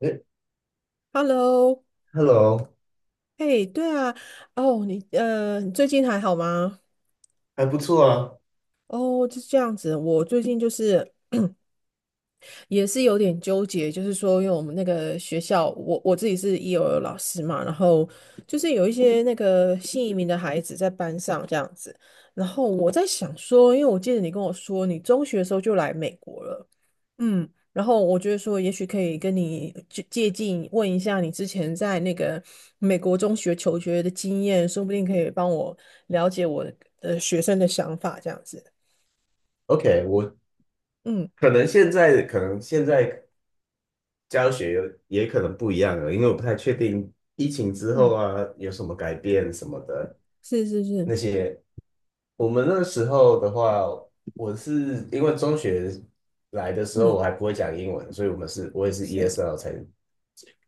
哎 Hello，，Hello。嘿，对啊，哦，你最近还好吗？还不错啊。哦，就是这样子。我最近就是也是有点纠结，就是说，因为我们那个学校，我自己是 EOL 老师嘛，然后就是有一些那个新移民的孩子在班上这样子。然后我在想说，因为我记得你跟我说，你中学的时候就来美国了。嗯，然后我觉得说，也许可以跟你借鉴，问一下你之前在那个美国中学求学的经验，说不定可以帮我了解我的学生的想法，这样子。OK，我嗯可能现在教学有也可能不一样了，因为我不太确定疫情之后嗯，啊有什么改变什么的。是是是。那些。我们那时候的话，我是因为中学来的时候嗯。我还不会讲英文，所以我也是 是。ESL 才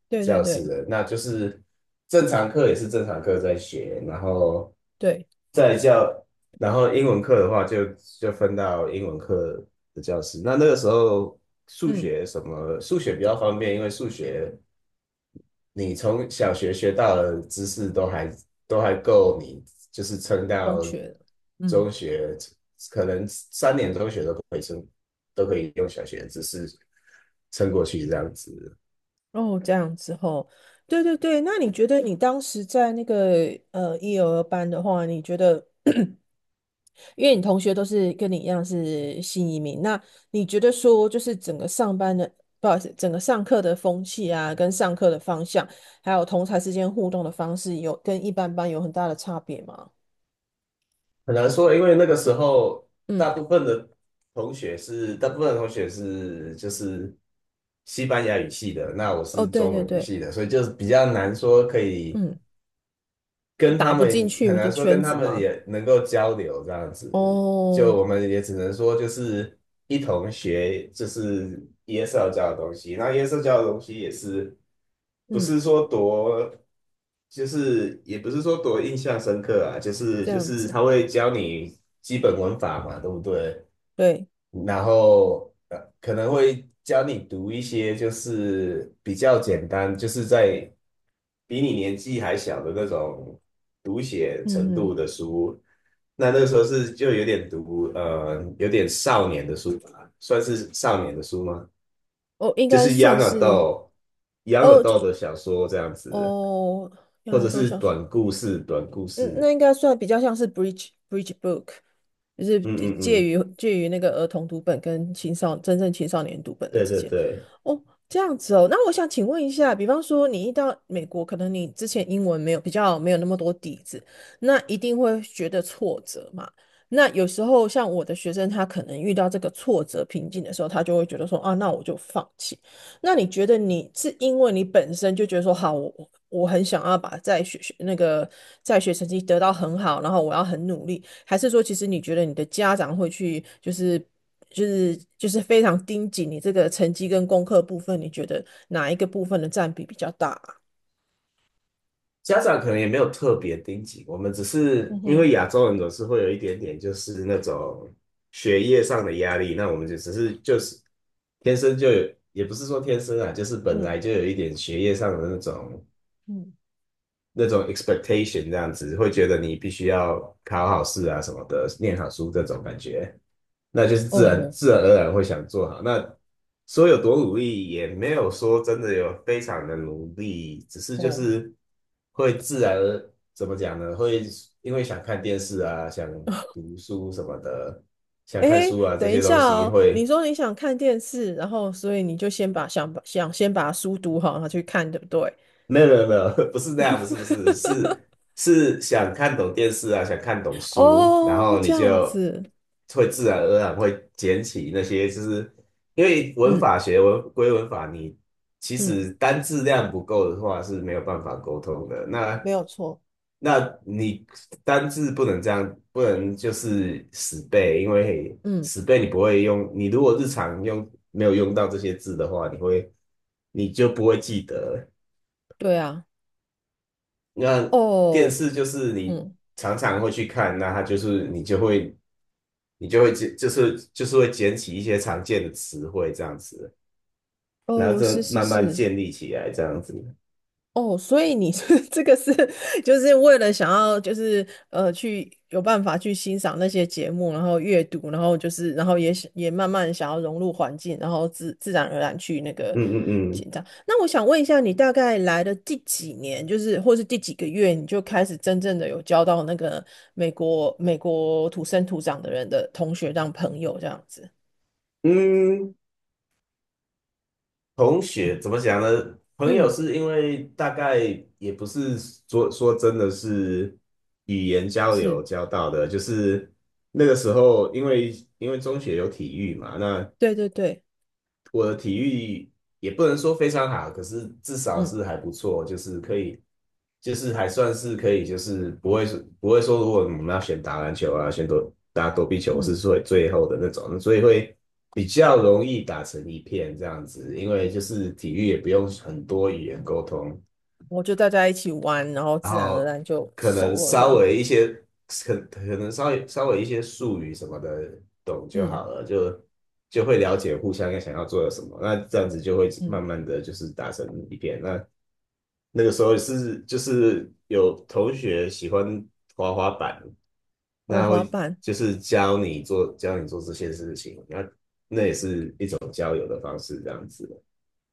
对对教师对的，那就是正常课也是正常课在学，然后对。在教，然后英文课的话就分到英文课的教室。那个时候数嗯。学什么数学比较方便，因为数学你从小学学到的知识都还够你，就是撑到中学的。嗯。中学，可能3年中学都可以撑，都可以用小学的知识撑过去这样子。哦，这样子后。对对对，那你觉得你当时在那个一、儿班的话，你觉得？因为你同学都是跟你一样是新移民，那你觉得说就是整个上班的，不好意思，整个上课的风气啊，跟上课的方向，还有同才之间互动的方式有，跟一般班有很大的差别吗？很难说，因为那个时候大嗯。部分的大部分的同学是就是西班牙语系的，那我哦，是对中对文语对。系的，所以就是比较难说可以嗯，跟打他不进们，很去就难说圈跟他子们吗？也能够交流这样子。就哦。我们也只能说，就是一同学，就是耶稣教的东西。那耶稣教的东西也是，不嗯，是说多，就是也不是说多印象深刻啊，就是这就样是子。他会教你基本文法嘛，对不对？对。然后可能会教你读一些就是比较简单，就是在比你年纪还小的那种读写程嗯嗯。度的书。那那个时候是就有点读有点少年的书吧，算是少年的书吗？哦，应就该是 算 young 是。adult young 哦，这。 adult 的小说这样子，哦，原或来者都是想。短故事，短故嗯，事。那应该算比较像是 bridge book，就是嗯介嗯嗯。于介于那个儿童读本跟青少年读本的对之对间。对。哦，这样子哦。那我想请问一下，比方说你一到美国，可能你之前英文没有比较没有那么多底子，那一定会觉得挫折嘛？那有时候像我的学生，他可能遇到这个挫折瓶颈的时候，他就会觉得说啊，那我就放弃。那你觉得你是因为你本身就觉得说好，我很想要把在学学那个在学成绩得到很好，然后我要很努力，还是说其实你觉得你的家长会去就是非常盯紧你这个成绩跟功课部分，你觉得哪一个部分的占比比较大啊。家长可能也没有特别盯紧，我们只是嗯因为哼。亚洲人总是会有一点点就是那种学业上的压力，那我们就只是就是天生就有，也不是说天生啊，就是本嗯来就有一点学业上的那种。嗯。那种 expectation 这样子，会觉得你必须要考好试啊什么的，念好书这种感觉，那就是自然哦。自然而然会想做好。那说有多努力，也没有说真的有非常的努力，只是就哦。是会自然而怎么讲呢？会因为想看电视啊，想 读书什么的，想看诶，书啊这等一些东下西哦，会。你说你想看电视，然后所以你就先把想把想先把书读好，然后去看，对不对？没有没有没有，不是那样，不是不是，是 是想看懂电视啊，想看懂书，然哦，后这你样就子。会自然而然会捡起那些，就是因为文嗯法学文归文法，你其嗯，实单字量不够的话是没有办法沟通的。没那有错。那你单字不能这样，不能就是死背，因为嗯。死背你不会用，你如果日常用没有用到这些字的话，你就不会记得。对啊。那电哦。视就是你嗯。常常会去看，那它就是你就会捡就是会捡起一些常见的词汇这样子，然后哦，再是是慢慢是。建立起来这样子。哦，所以你是 这个是就是为了想要就是去有办法去欣赏那些节目，然后阅读，然后也想也慢慢想要融入环境，然后自然而然去那个嗯嗯嗯紧张。那我想问一下，你大概来了第几年，就是或是第几个月，你就开始真正的有交到那个美国土生土长的人的同学当朋友这样子？嗯，同学怎么讲呢？朋友嗯。是因为大概也不是说真的是语言交流是。交到的，就是那个时候因为中学有体育嘛，那对对对。我的体育也不能说非常好，可是至少嗯是还不错，就是可以，就是还算是可以，就是不会说，如果我们要选打篮球啊，选躲打躲避球，我嗯。是最后的那种，所以会比较容易打成一片这样子，因为就是体育也不用很多语言沟通，我就大家一起玩，然后然自然而后然就可能熟了这稍样。微一些，可能稍微一些术语什么的懂就嗯好了，就会了解互相想要做的什么，那这样子就会嗯。慢慢的就是达成一片。那那个时候是就是有同学喜欢滑滑板，那哦，他滑会板。就是教你做这些事情，那那也是一种交友的方式，这样子。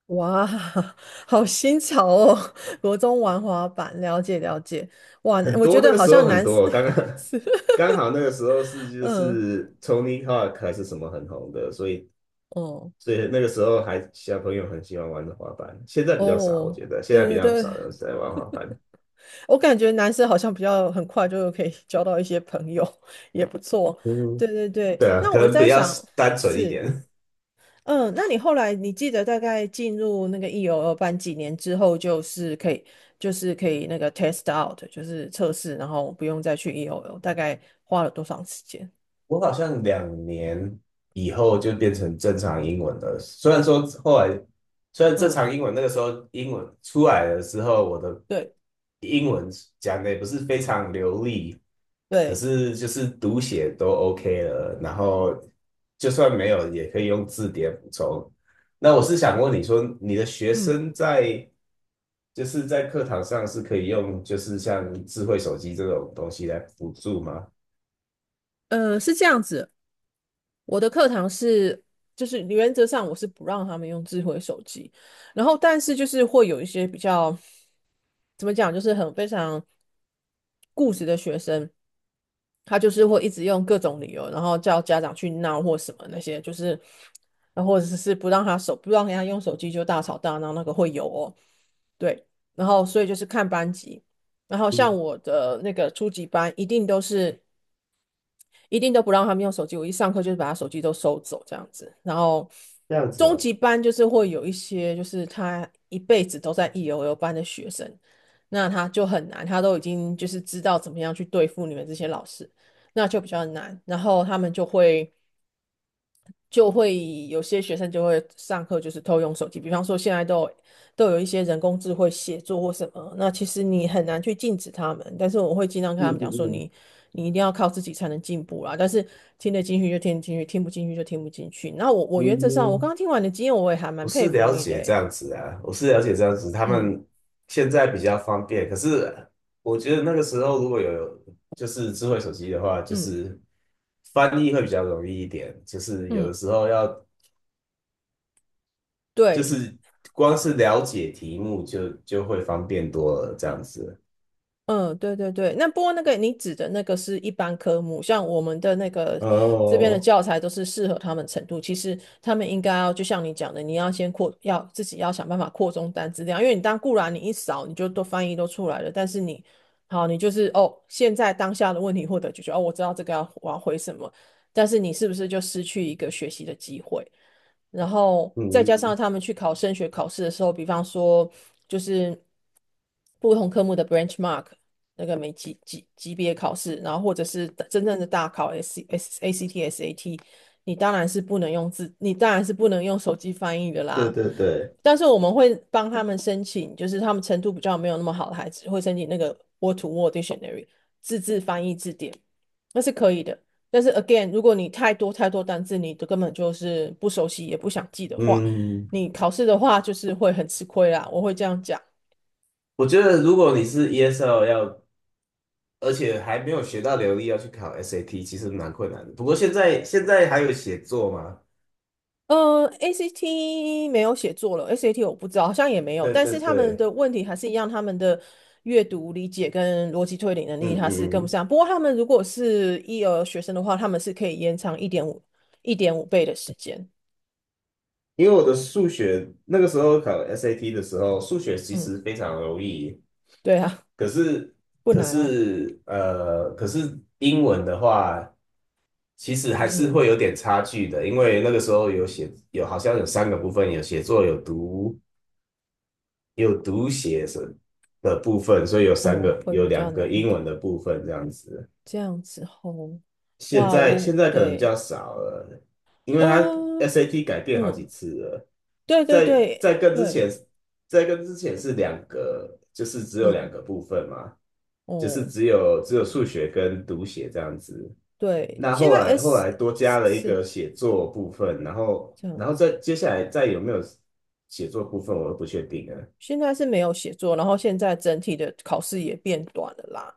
哇，好新潮哦！国中玩滑板，了解了解。哇，很我觉多得那个好时候像很男生 多，刚 刚 是。刚好那个时候是 就嗯。是 Tony Hawk 还是什么很红的，所以哦。所以那个时候还小朋友很喜欢玩的滑板，现在比较少，我哦，觉得现在对比对较对。少人在玩滑板。我感觉男生好像比较很快就可以交到一些朋友，也不错。对嗯，对对，对啊，那可我能比在较想，单纯一是。点。嗯，那你后来你记得大概进入那个 EOL 班几年之后，就是可以那个 test out，就是测试，然后不用再去 EOL，大概花了多长时间？我好像2年以后就变成正常英文了。虽然说后来，虽然正嗯。常英文那个时候英文出来的时候，我的对英文讲的也不是非常流利，可对。是就是读写都 OK 了。然后就算没有，也可以用字典补充。那我是想问你说，你的学嗯生在就是在课堂上是可以用就是像智慧手机这种东西来辅助吗？是这样子。我的课堂是，就是原则上我是不让他们用智慧手机，然后但是就是会有一些比较，怎么讲，就是很非常固执的学生，他就是会一直用各种理由，然后叫家长去闹或什么那些，就是，然后或者是不让人家用手机就大吵大闹，那个会有哦。对。然后所以就是看班级，然后嗯，像我的那个初级班一定都是。一定都不让他们用手机。我一上课就是把他手机都收走这样子。然后这样子中哦。级班就是会有一些，就是他一辈子都在 EOL 班的学生，那他就很难，他都已经就是知道怎么样去对付你们这些老师，那就比较难。然后他们就会有些学生就会上课就是偷用手机，比方说现在都有一些人工智慧写作或什么，那其实你很难去禁止他们，但是我会尽量跟嗯他们嗯讲说嗯你一定要靠自己才能进步啦，但是听得进去就听得进去，听不进去就听不进去。那我原则上我刚嗯，刚听完你的经验，我也还我蛮佩是服了你的解这欸。样子啊，我是了解这样子，他嗯们现在比较方便，可是我觉得那个时候如果有就是智慧手机的话，就嗯是翻译会比较容易一点，就是有嗯。的时候要就对。是光是了解题目就会方便多了这样子。嗯。对对对，那不过那个你指的那个是一般科目，像我们的那个这边的哦，教材都是适合他们程度。其实他们应该要就像你讲的，你要先扩，要自己要想办法扩充单词量，因为你当固然你一扫你就都翻译都出来了，但是你好，你就是哦，现在当下的问题获得解决，哦，我知道这个要我要回什么，但是你是不是就失去一个学习的机会？然后再加上嗯，他们去考升学考试的时候，比方说就是不同科目的 benchmark 那个每级别考试，然后或者是真正的大考 S S A C T S A T，你当然是不能用字，你当然是不能用手机翻译的对啦。对对，但是我们会帮他们申请，就是他们程度比较没有那么好的孩子，会申请那个 Word to Word Dictionary 自制翻译字典，那是可以的。但是 again，如果你太多太多单字，你都根本就是不熟悉，也不想记的话，嗯，你考试的话就是会很吃亏啦。我会这样讲。我觉得如果你是 ESL 要而且还没有学到流利，要去考 SAT,其实蛮困难的。不过现在还有写作嘛？ACT 没有写作了，SAT 我不知道，好像也没有。对但对是他们的对。问题还是一样，他们的阅读理解跟逻辑推理能力嗯还是嗯跟不嗯。上。不过他们如果是一儿学生的话，他们是可以延长一点五倍的时间。因为我的数学那个时候考 SAT 的时候，数学其嗯，实非常容易，对啊，可是不可难啊。是呃，可是英文的话，其实还是嗯。会有点差距的，因为那个时候有写有好像有三个部分，有写作，有读有读写什的部分，所以有三哦，个会有比较两个难一英文点。的部分这样子。这样子吼。现哇。在现哦。在可能比对。较少了，因为它 呃。SAT 改变好几嗯。次了，对对在对在更之对。前，在更之前是两个，就是只有嗯。两个部分嘛，就是哦。只有数学跟读写这样子。对，那现后在 来后 S 来多是加了一是个写作部分，然后这样然后子，再接下来再有没有写作部分，我都不确定了。现在是没有写作，然后现在整体的考试也变短了啦。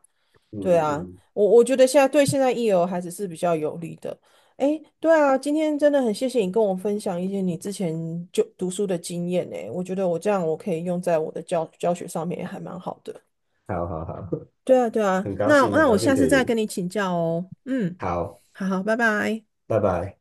嗯对啊，嗯。我觉得现在对现在 EL 孩子是比较有利的。诶，对啊，今天真的很谢谢你跟我分享一些你之前就读书的经验呢，我觉得我这样我可以用在我的教学上面，也还蛮好的。好好好。对啊，对 啊，很高那兴很那高我兴下可次再跟以，你请教哦。嗯。好，好好，拜拜。拜拜。